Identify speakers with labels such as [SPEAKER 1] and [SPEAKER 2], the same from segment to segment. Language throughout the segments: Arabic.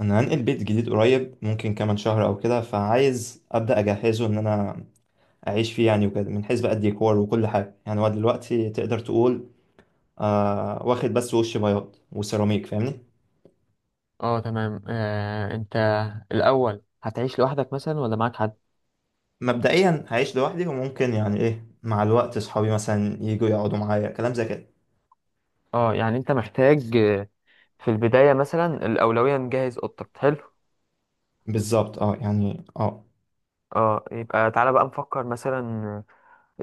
[SPEAKER 1] انا هنقل بيت جديد قريب، ممكن كمان شهر او كده. فعايز ابدا اجهزه ان انا اعيش فيه يعني وكده، من حيث بقى الديكور وكل حاجه. يعني هو دلوقتي تقدر تقول واخد بس وش بياض وسيراميك، فاهمني؟
[SPEAKER 2] اه تمام انت الاول هتعيش لوحدك مثلا ولا معاك حد؟
[SPEAKER 1] مبدئيا هعيش لوحدي، وممكن يعني ايه مع الوقت صحابي مثلا يجوا يقعدوا معايا، كلام زي كده.
[SPEAKER 2] اه يعني انت محتاج، في البداية مثلا الأولوية نجهز أوضتك. حلو
[SPEAKER 1] بالظبط، اه، يعني اه.
[SPEAKER 2] اه، يبقى تعالى بقى نفكر مثلا،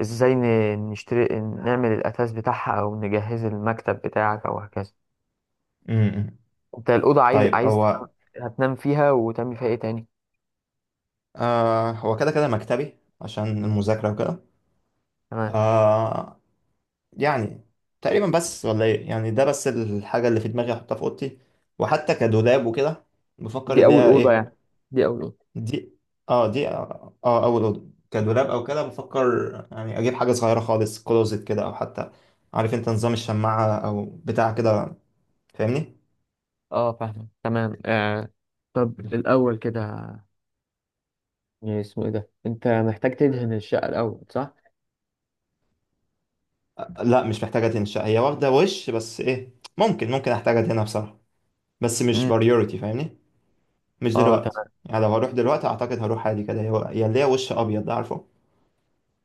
[SPEAKER 2] ازاي نشتري نعمل الأثاث بتاعها أو نجهز المكتب بتاعك أو هكذا.
[SPEAKER 1] امم.
[SPEAKER 2] انت الأوضة عايز
[SPEAKER 1] طيب
[SPEAKER 2] عايز
[SPEAKER 1] هو،
[SPEAKER 2] هتنام فيها وتعمل فيها ايه تاني؟
[SPEAKER 1] هو كده كده مكتبي عشان المذاكره وكده.
[SPEAKER 2] تمام.
[SPEAKER 1] آه، يعني تقريبا بس، ولا ايه؟ يعني ده بس الحاجة اللي في دماغي احطها في اوضتي، وحتى كدولاب وكده بفكر
[SPEAKER 2] دي
[SPEAKER 1] اللي
[SPEAKER 2] أول
[SPEAKER 1] هي
[SPEAKER 2] أوضة
[SPEAKER 1] ايه.
[SPEAKER 2] يعني، دي أول أوضة.
[SPEAKER 1] دي اه، دي، اول اوضة كدولاب او كده بفكر يعني اجيب حاجة صغيرة خالص، كلوزت كده، او حتى عارف انت نظام الشماعة او بتاع كده، فاهمني؟
[SPEAKER 2] اه فاهمة تمام آه. طب الأول كده يعني اسمه ايه ده، انت محتاج تدهن الشقة الأول صح؟
[SPEAKER 1] لا مش محتاجة تنشأ، هي واخدة وش بس. ايه، ممكن ممكن احتاجها هنا بصراحة، بس مش
[SPEAKER 2] مم.
[SPEAKER 1] بريورتي، فاهمني؟ مش
[SPEAKER 2] اه
[SPEAKER 1] دلوقتي
[SPEAKER 2] تمام،
[SPEAKER 1] يعني. لو هروح دلوقتي اعتقد هروح عادي كده، هي اللي هي وش ابيض ده، عارفه؟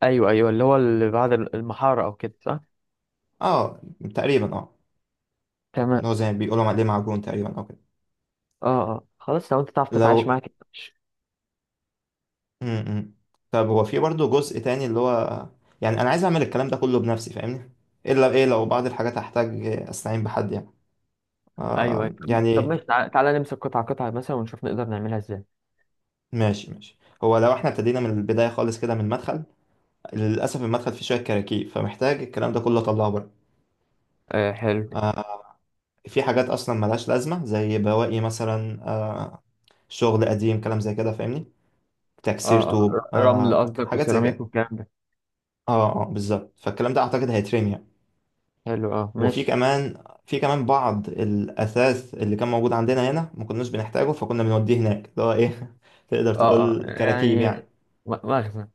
[SPEAKER 2] ايوه ايوه اللي هو اللي بعد المحاره او كده صح.
[SPEAKER 1] اه، تقريبا، اه.
[SPEAKER 2] تمام
[SPEAKER 1] اللي هو زي ما بيقولوا عليه معجون تقريبا او كده.
[SPEAKER 2] اه اه، خلاص لو انت تعرف تتعايش
[SPEAKER 1] لو،
[SPEAKER 2] معاك ماشي.
[SPEAKER 1] امم، طب هو في برضه جزء تاني، اللي هو يعني انا عايز اعمل الكلام ده كله بنفسي، فاهمني؟ الا ايه، لو بعض الحاجات هحتاج استعين بحد يعني،
[SPEAKER 2] ايوه
[SPEAKER 1] آه
[SPEAKER 2] ايوه. طب
[SPEAKER 1] يعني
[SPEAKER 2] ماشي، تعالى, تعالى نمسك قطعة قطعة مثلا ونشوف نقدر نعملها ازاي.
[SPEAKER 1] ماشي ماشي. هو لو احنا ابتدينا من البداية خالص كده، من المدخل. للأسف المدخل فيه شوية كراكيب، فمحتاج الكلام ده كله أطلعه بره.
[SPEAKER 2] آه حلو.
[SPEAKER 1] آه في حاجات أصلا ملهاش لازمة، زي بواقي مثلا، شغل قديم، كلام زي كده، فاهمني؟ تكسير
[SPEAKER 2] اه اه
[SPEAKER 1] طوب،
[SPEAKER 2] رمل قصدك
[SPEAKER 1] حاجات زي
[SPEAKER 2] وسيراميك
[SPEAKER 1] كده.
[SPEAKER 2] والكلام ده.
[SPEAKER 1] اه اه، بالظبط، فالكلام ده أعتقد هيترمي يعني.
[SPEAKER 2] حلو اه
[SPEAKER 1] وفي
[SPEAKER 2] ماشي.
[SPEAKER 1] كمان في كمان بعض الأثاث اللي كان موجود عندنا هنا، ما كناش بنحتاجه، فكنا بنوديه هناك. اللي هو، إيه، تقدر
[SPEAKER 2] اه اه
[SPEAKER 1] تقول كراكيب
[SPEAKER 2] يعني،
[SPEAKER 1] يعني.
[SPEAKER 2] مخزن.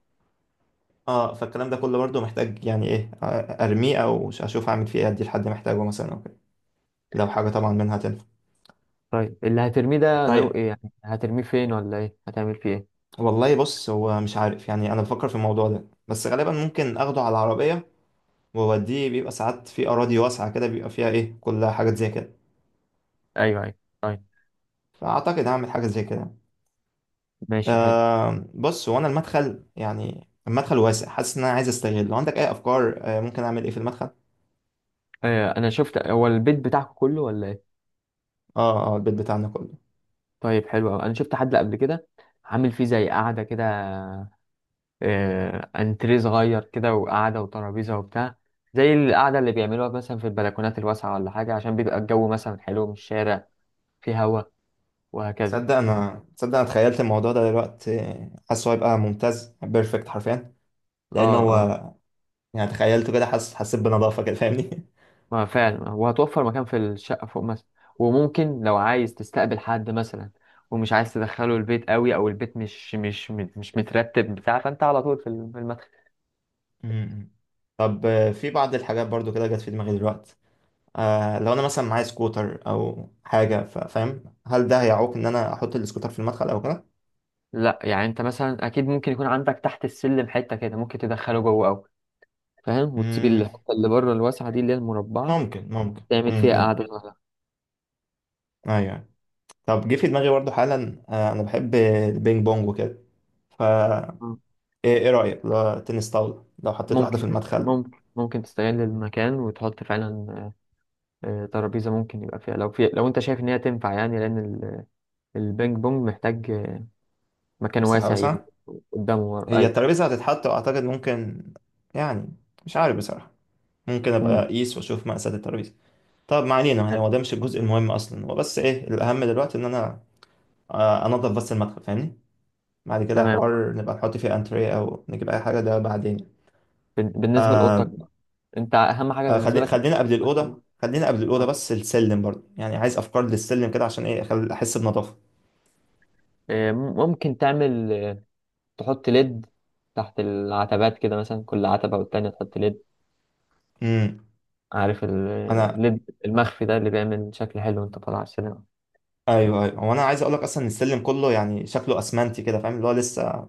[SPEAKER 1] اه، فالكلام ده كله برضه محتاج، يعني ايه، ارميه او اشوف اعمل فيه ايه، ادي لحد محتاجه مثلا او كده، لو حاجه طبعا منها تنفع.
[SPEAKER 2] طيب اللي هترميه ده نوع
[SPEAKER 1] طيب،
[SPEAKER 2] ايه؟ يعني هترميه فين؟ ولا ايه هتعمل فيه ايه؟
[SPEAKER 1] والله بص، هو مش عارف يعني، انا بفكر في الموضوع ده. بس غالبا ممكن اخده على العربيه واوديه. بيبقى ساعات في اراضي واسعه كده بيبقى فيها ايه، كلها حاجات زي كده،
[SPEAKER 2] ايوه ايوه. طيب
[SPEAKER 1] فاعتقد هعمل حاجه زي كده.
[SPEAKER 2] ماشي، حلو.
[SPEAKER 1] بص هو انا المدخل، يعني المدخل واسع، حاسس ان انا عايز استغل. لو عندك اي افكار، ممكن اعمل ايه في المدخل؟
[SPEAKER 2] آه انا شفت هو البيت بتاعكم كله ولا ايه؟
[SPEAKER 1] اه اه، البيت بتاعنا كله.
[SPEAKER 2] طيب حلو أوي. انا شفت حد قبل كده عامل فيه زي قعده كده، انتريه صغير كده وقعده وترابيزه وبتاع، زي القعده اللي بيعملوها مثلا في البلكونات الواسعه ولا حاجه، عشان بيبقى الجو مثلا حلو من الشارع، فيه هوا وهكذا.
[SPEAKER 1] تصدق انا تخيلت الموضوع ده دلوقتي، حاسه هيبقى ممتاز، بيرفكت حرفيا،
[SPEAKER 2] اه
[SPEAKER 1] لان
[SPEAKER 2] اه،
[SPEAKER 1] هو يعني تخيلته كده. حسيت بنظافه كده، فاهمني؟
[SPEAKER 2] ما فعلا وهتوفر مكان في الشقه فوق مثلا، وممكن لو عايز تستقبل حد مثلا ومش عايز تدخله البيت قوي او البيت مش مترتب بتاع، فانت على طول في في المدخل.
[SPEAKER 1] امم. طب، في بعض الحاجات برضو كده جت في دماغي دلوقتي. لو انا مثلا معايا سكوتر او حاجه، فاهم؟ هل ده هيعوق ان انا احط السكوتر في المدخل او كده؟
[SPEAKER 2] لا يعني انت مثلا اكيد ممكن يكون عندك تحت السلم حته كده ممكن تدخله جوه او، فاهم، وتسيب
[SPEAKER 1] امم،
[SPEAKER 2] الحته اللي بره الواسعه دي اللي هي المربعه
[SPEAKER 1] ممكن.
[SPEAKER 2] تعمل
[SPEAKER 1] امم،
[SPEAKER 2] فيها
[SPEAKER 1] أمم.
[SPEAKER 2] قاعده صغيرة.
[SPEAKER 1] ايوه. طب جه في دماغي برضه حالا، انا بحب البينج بونج وكده، فا
[SPEAKER 2] مم.
[SPEAKER 1] إيه رايك لو تنس طاوله، لو حطيت واحده في المدخل؟
[SPEAKER 2] ممكن تستغل المكان وتحط فعلا ترابيزه. ممكن يبقى فيها لو في، لو انت شايف ان هي تنفع يعني، لان البينج بونج محتاج، آه، مكان
[SPEAKER 1] مساحه
[SPEAKER 2] واسع يمين
[SPEAKER 1] واسعه.
[SPEAKER 2] قدامه ورا
[SPEAKER 1] هي
[SPEAKER 2] اي.
[SPEAKER 1] الترابيزه هتتحط، واعتقد ممكن، يعني مش عارف بصراحه. ممكن ابقى
[SPEAKER 2] مم.
[SPEAKER 1] اقيس واشوف مقاسات الترابيزه. طب ما علينا، يعني هو ده مش الجزء المهم اصلا. هو بس ايه، الاهم دلوقتي ان انا انضف بس المدخل، فاهمني؟ بعد كده
[SPEAKER 2] تمام.
[SPEAKER 1] حوار نبقى نحط فيه انتريه او نجيب اي حاجه، ده بعدين.
[SPEAKER 2] بالنسبه لاوضتك،
[SPEAKER 1] آه.
[SPEAKER 2] انت اهم حاجه بالنسبه لك،
[SPEAKER 1] خلينا قبل الأوضة، بس السلم برضه يعني، عايز أفكار للسلم كده عشان إيه، أحس بنظافة.
[SPEAKER 2] ممكن تعمل تحط ليد تحت العتبات كده مثلا، كل عتبة والتانية تحط ليد.
[SPEAKER 1] امم.
[SPEAKER 2] عارف
[SPEAKER 1] أنا،
[SPEAKER 2] الليد المخفي ده اللي بيعمل شكل حلو وانت طالع على السينما.
[SPEAKER 1] أيوه أيوه، وأنا عايز أقول لك أصلا إن السلم كله يعني شكله أسمنتي كده، فاهم؟ اللي هو لسه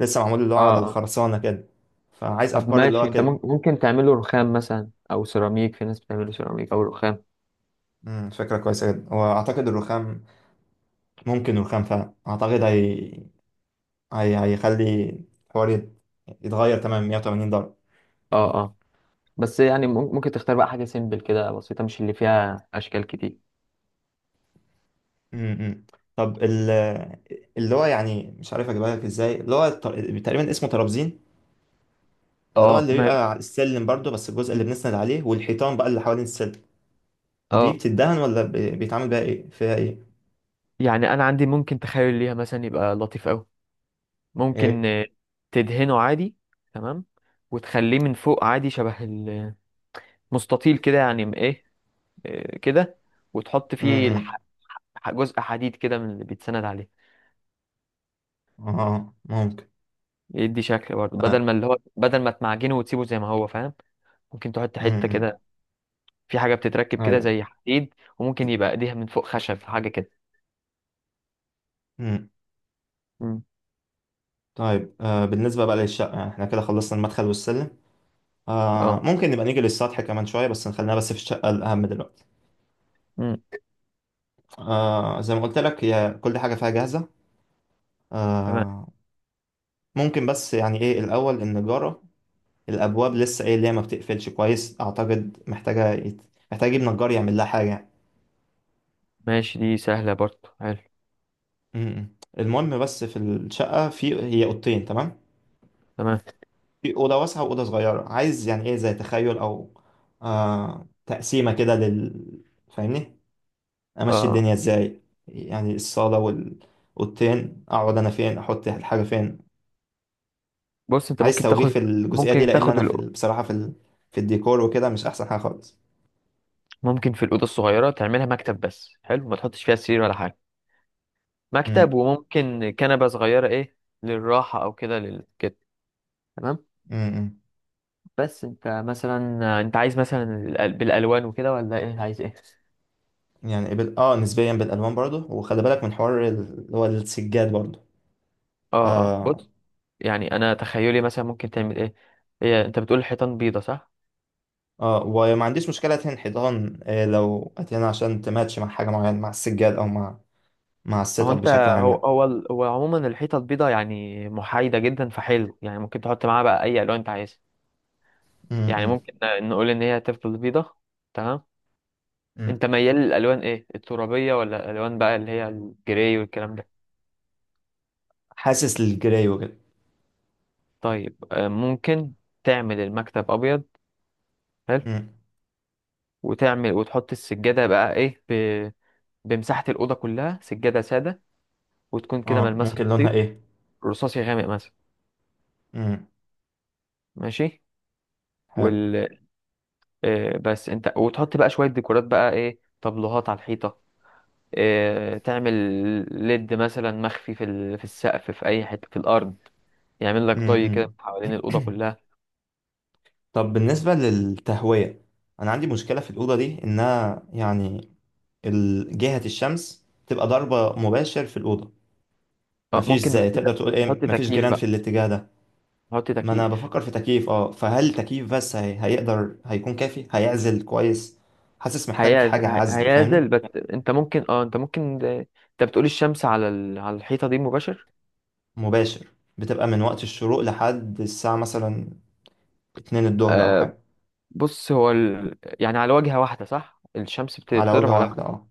[SPEAKER 1] لسه معمول اللي هو على
[SPEAKER 2] اه اه.
[SPEAKER 1] الخرسانة كده، فعايز
[SPEAKER 2] طب
[SPEAKER 1] أفكار اللي
[SPEAKER 2] ماشي،
[SPEAKER 1] هو
[SPEAKER 2] انت
[SPEAKER 1] كده.
[SPEAKER 2] ممكن تعمله رخام مثلا او سيراميك، في ناس بتعمله سيراميك او رخام.
[SPEAKER 1] فكرة كويسة جدا، وأعتقد الرخام، ممكن الرخام فعلا أعتقد هيخلي الحوار يتغير تمام 180 درجة.
[SPEAKER 2] اه اه. بس يعني ممكن تختار بقى حاجة سيمبل كده بسيطة، مش اللي فيها اشكال كتير.
[SPEAKER 1] امم طب اللي هو يعني مش عارف اجيبها لك ازاي. اللي هو تقريبا اسمه ترابزين، اللي هو
[SPEAKER 2] اه
[SPEAKER 1] اللي
[SPEAKER 2] ماله.
[SPEAKER 1] بيبقى على السلم برضو، بس الجزء اللي بنسند عليه. والحيطان بقى اللي حوالين السلم دي،
[SPEAKER 2] اه
[SPEAKER 1] بتدهن ولا بيتعمل بيها ايه، فيها ايه؟
[SPEAKER 2] يعني انا عندي ممكن تخيل ليها مثلا يبقى لطيف قوي. ممكن،
[SPEAKER 1] ايه؟
[SPEAKER 2] تدهنه عادي. تمام. وتخليه من فوق عادي، شبه مستطيل كده يعني، ايه كده. وتحط فيه
[SPEAKER 1] امم،
[SPEAKER 2] جزء حديد كده من اللي بيتسند عليه.
[SPEAKER 1] إمم. اه، ممكن.
[SPEAKER 2] يدي شكل برضه، بدل ما اللي هو بدل ما تمعجنه وتسيبه زي ما هو فاهم، ممكن تحط
[SPEAKER 1] امم،
[SPEAKER 2] حتة
[SPEAKER 1] إمم.
[SPEAKER 2] كده. في حاجة بتتركب كده
[SPEAKER 1] ايوه.
[SPEAKER 2] زي حديد، وممكن يبقى ايديها من فوق خشب حاجة كده.
[SPEAKER 1] امم.
[SPEAKER 2] مم.
[SPEAKER 1] طيب، بالنسبة بقى للشقة، احنا كده خلصنا المدخل والسلم.
[SPEAKER 2] اه
[SPEAKER 1] ممكن نبقى نيجي للسطح كمان شوية، بس نخلينا بس في الشقة الأهم دلوقتي.
[SPEAKER 2] مم.
[SPEAKER 1] زي ما قلت لك هي كل حاجة فيها جاهزة.
[SPEAKER 2] تمام.
[SPEAKER 1] آه. ممكن بس يعني ايه، الأول النجارة، الابواب لسه ايه، اللي هي ما بتقفلش كويس، اعتقد محتاجه محتاج يجيب نجار يعمل لها حاجه يعني.
[SPEAKER 2] ماشي، دي سهلة برضه، حلو.
[SPEAKER 1] م-م. المهم بس في الشقه، في هي اوضتين، تمام؟
[SPEAKER 2] تمام.
[SPEAKER 1] في اوضه واسعه واوضه صغيره، عايز يعني ايه، زي تخيل او تقسيمه كده لل، فاهمني؟ امشي
[SPEAKER 2] اه
[SPEAKER 1] الدنيا ازاي يعني، الصاله والاوضتين، اقعد انا فين، احط الحاجه فين.
[SPEAKER 2] بص انت
[SPEAKER 1] عايز
[SPEAKER 2] ممكن
[SPEAKER 1] توجيه
[SPEAKER 2] تاخد،
[SPEAKER 1] في الجزئيه دي،
[SPEAKER 2] ممكن
[SPEAKER 1] لان
[SPEAKER 2] تاخد
[SPEAKER 1] انا في
[SPEAKER 2] الأو-
[SPEAKER 1] بصراحه في في الديكور وكده مش احسن حاجه خالص.
[SPEAKER 2] ممكن في الأوضة الصغيرة تعملها مكتب بس، حلو، ما تحطش فيها سرير ولا حاجة. مكتب وممكن كنبة صغيرة ايه للراحة او كده كده. تمام.
[SPEAKER 1] م-م.
[SPEAKER 2] بس انت مثلا، انت عايز مثلا بالالوان وكده ولا ايه، عايز ايه؟
[SPEAKER 1] يعني اه نسبيا بالالوان برضه، وخلي بالك من حوار اللي هو السجاد برضه.
[SPEAKER 2] اه اه،
[SPEAKER 1] اه
[SPEAKER 2] بص يعني انا تخيلي مثلا ممكن تعمل ايه. هي انت بتقول الحيطان بيضة صح؟
[SPEAKER 1] اه، وما عنديش مشكله ادهن حيطان، لو ادهنها عشان تماتش مع حاجه معينه، مع السجاد او مع مع
[SPEAKER 2] ما
[SPEAKER 1] السيت
[SPEAKER 2] هو
[SPEAKER 1] اب
[SPEAKER 2] انت،
[SPEAKER 1] بشكل عام يعني.
[SPEAKER 2] هو عموما الحيطة البيضة يعني محايدة جدا، فحلو يعني ممكن تحط معاها بقى اي الوان انت عايزها.
[SPEAKER 1] م-
[SPEAKER 2] يعني
[SPEAKER 1] م-
[SPEAKER 2] ممكن نقول ان هي تفضل بيضة. تمام.
[SPEAKER 1] م.
[SPEAKER 2] انت ميال للالوان ايه، الترابية ولا الالوان بقى اللي هي الجراي والكلام ده؟
[SPEAKER 1] حاسس للجراي وكده.
[SPEAKER 2] طيب، ممكن تعمل المكتب ابيض، حلو.
[SPEAKER 1] م.
[SPEAKER 2] وتعمل وتحط السجاده بقى ايه بمساحه الاوضه كلها، سجاده ساده، وتكون كده
[SPEAKER 1] اه،
[SPEAKER 2] ملمسها
[SPEAKER 1] ممكن لونها
[SPEAKER 2] لطيف.
[SPEAKER 1] ايه؟
[SPEAKER 2] رصاصي غامق مثلا.
[SPEAKER 1] م.
[SPEAKER 2] ماشي.
[SPEAKER 1] حلو.
[SPEAKER 2] وال آه، بس انت وتحط بقى شويه ديكورات بقى ايه، طبلوهات على الحيطه، تعمل ليد مثلا مخفي في في السقف في اي حته في الارض، يعمل لك
[SPEAKER 1] م-
[SPEAKER 2] ضي كده
[SPEAKER 1] م.
[SPEAKER 2] حوالين الاوضه كلها.
[SPEAKER 1] طب بالنسبه للتهويه، انا عندي مشكله في الاوضه دي، انها يعني جهه الشمس تبقى ضربه مباشر في الاوضه.
[SPEAKER 2] اه
[SPEAKER 1] مفيش
[SPEAKER 2] ممكن نحط،
[SPEAKER 1] زي تقدر تقول ايه،
[SPEAKER 2] نحط
[SPEAKER 1] مفيش
[SPEAKER 2] تكييف
[SPEAKER 1] جيران في
[SPEAKER 2] بقى
[SPEAKER 1] الاتجاه ده.
[SPEAKER 2] نحط
[SPEAKER 1] ما انا
[SPEAKER 2] تكييف.
[SPEAKER 1] بفكر في تكييف، اه، فهل تكييف بس هيقدر هيكون كافي، هيعزل كويس؟ حاسس محتاج حاجة عزل، فاهمني؟
[SPEAKER 2] هيعزل بس. انت ممكن اه انت ممكن انت بتقول الشمس على على الحيطه دي مباشر.
[SPEAKER 1] مباشر. بتبقى من وقت الشروق لحد الساعة مثلا اتنين الظهر او
[SPEAKER 2] آه
[SPEAKER 1] حاجة.
[SPEAKER 2] بص هو يعني على واجهه واحده صح، الشمس
[SPEAKER 1] على
[SPEAKER 2] بتضرب
[SPEAKER 1] وجهة
[SPEAKER 2] على
[SPEAKER 1] واحدة،
[SPEAKER 2] واجهه.
[SPEAKER 1] اه.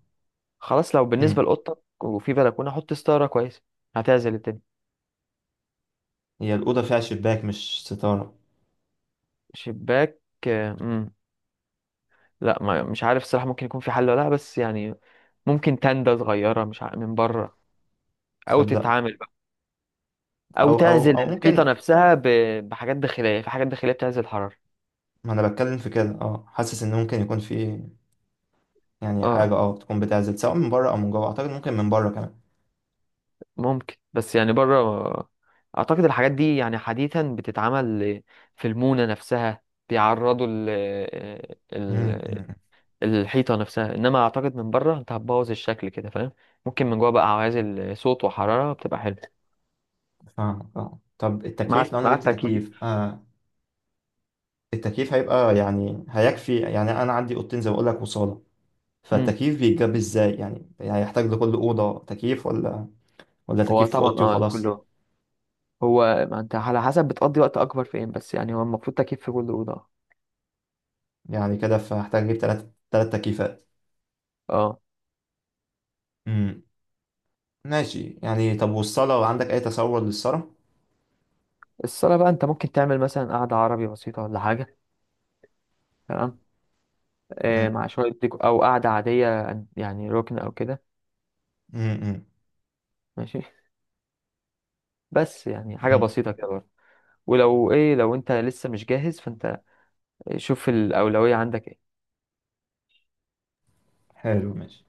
[SPEAKER 2] خلاص، لو بالنسبه
[SPEAKER 1] امم.
[SPEAKER 2] لاوضتك وفي بلكونه حط ستاره كويسه هتعزل الدنيا.
[SPEAKER 1] هي الأوضة فيها شباك مش ستارة.
[SPEAKER 2] شباك. آه مم. لا ما... مش عارف الصراحه ممكن يكون في حل ولا لا، بس يعني ممكن تندة صغيره مش من بره، او
[SPEAKER 1] تصدق،
[SPEAKER 2] تتعامل بقى، او
[SPEAKER 1] او او
[SPEAKER 2] تعزل
[SPEAKER 1] او
[SPEAKER 2] الحيطه
[SPEAKER 1] ممكن.
[SPEAKER 2] نفسها بحاجات داخليه، في حاجات داخليه بتعزل الحراره.
[SPEAKER 1] ما انا بتكلم في كده، حاسس ان ممكن يكون في يعني
[SPEAKER 2] اه
[SPEAKER 1] حاجة، تكون بتعزل سواء من بره او من جوه. اعتقد ممكن من بره كمان.
[SPEAKER 2] ممكن، بس يعني بره اعتقد الحاجات دي يعني حديثا بتتعمل في المونة نفسها، بيعرضوا ال
[SPEAKER 1] مم.
[SPEAKER 2] ال الحيطة نفسها. انما اعتقد من بره انت هتبوظ الشكل كده فاهم، ممكن من جوه بقى عوازل صوت وحرارة بتبقى حلوة.
[SPEAKER 1] فاهمك، اه. طب التكييف
[SPEAKER 2] مع
[SPEAKER 1] لو انا
[SPEAKER 2] مع
[SPEAKER 1] جبت
[SPEAKER 2] التأكيد.
[SPEAKER 1] تكييف، التكييف هيبقى يعني هيكفي؟ يعني انا عندي اوضتين زي ما بقول لك، وصاله.
[SPEAKER 2] امم.
[SPEAKER 1] فالتكييف بيتجاب ازاي يعني هيحتاج لكل اوضه تكييف، ولا ولا
[SPEAKER 2] هو
[SPEAKER 1] تكييف في
[SPEAKER 2] طبعا
[SPEAKER 1] اوضتي
[SPEAKER 2] اه
[SPEAKER 1] وخلاص؟
[SPEAKER 2] كله، هو ما انت على حسب بتقضي وقت اكبر فين، بس يعني هو المفروض تكييف في كل أوضة.
[SPEAKER 1] يعني كده فهحتاج اجيب ثلاث تكييفات.
[SPEAKER 2] اه.
[SPEAKER 1] امم. ماشي يعني. طب والصاله، عندك اي تصور للصاله؟
[SPEAKER 2] الصالة بقى انت ممكن تعمل مثلا قعدة عربي بسيطة ولا حاجة. تمام.
[SPEAKER 1] امم.
[SPEAKER 2] مع شوية ديكو أو قعدة عادية، يعني ركن أو كده.
[SPEAKER 1] امم.
[SPEAKER 2] ماشي. بس يعني حاجة
[SPEAKER 1] امم.
[SPEAKER 2] بسيطة كده برضه. ولو إيه، لو أنت لسه مش جاهز فأنت شوف الأولوية عندك إيه.
[SPEAKER 1] حلو ماشي.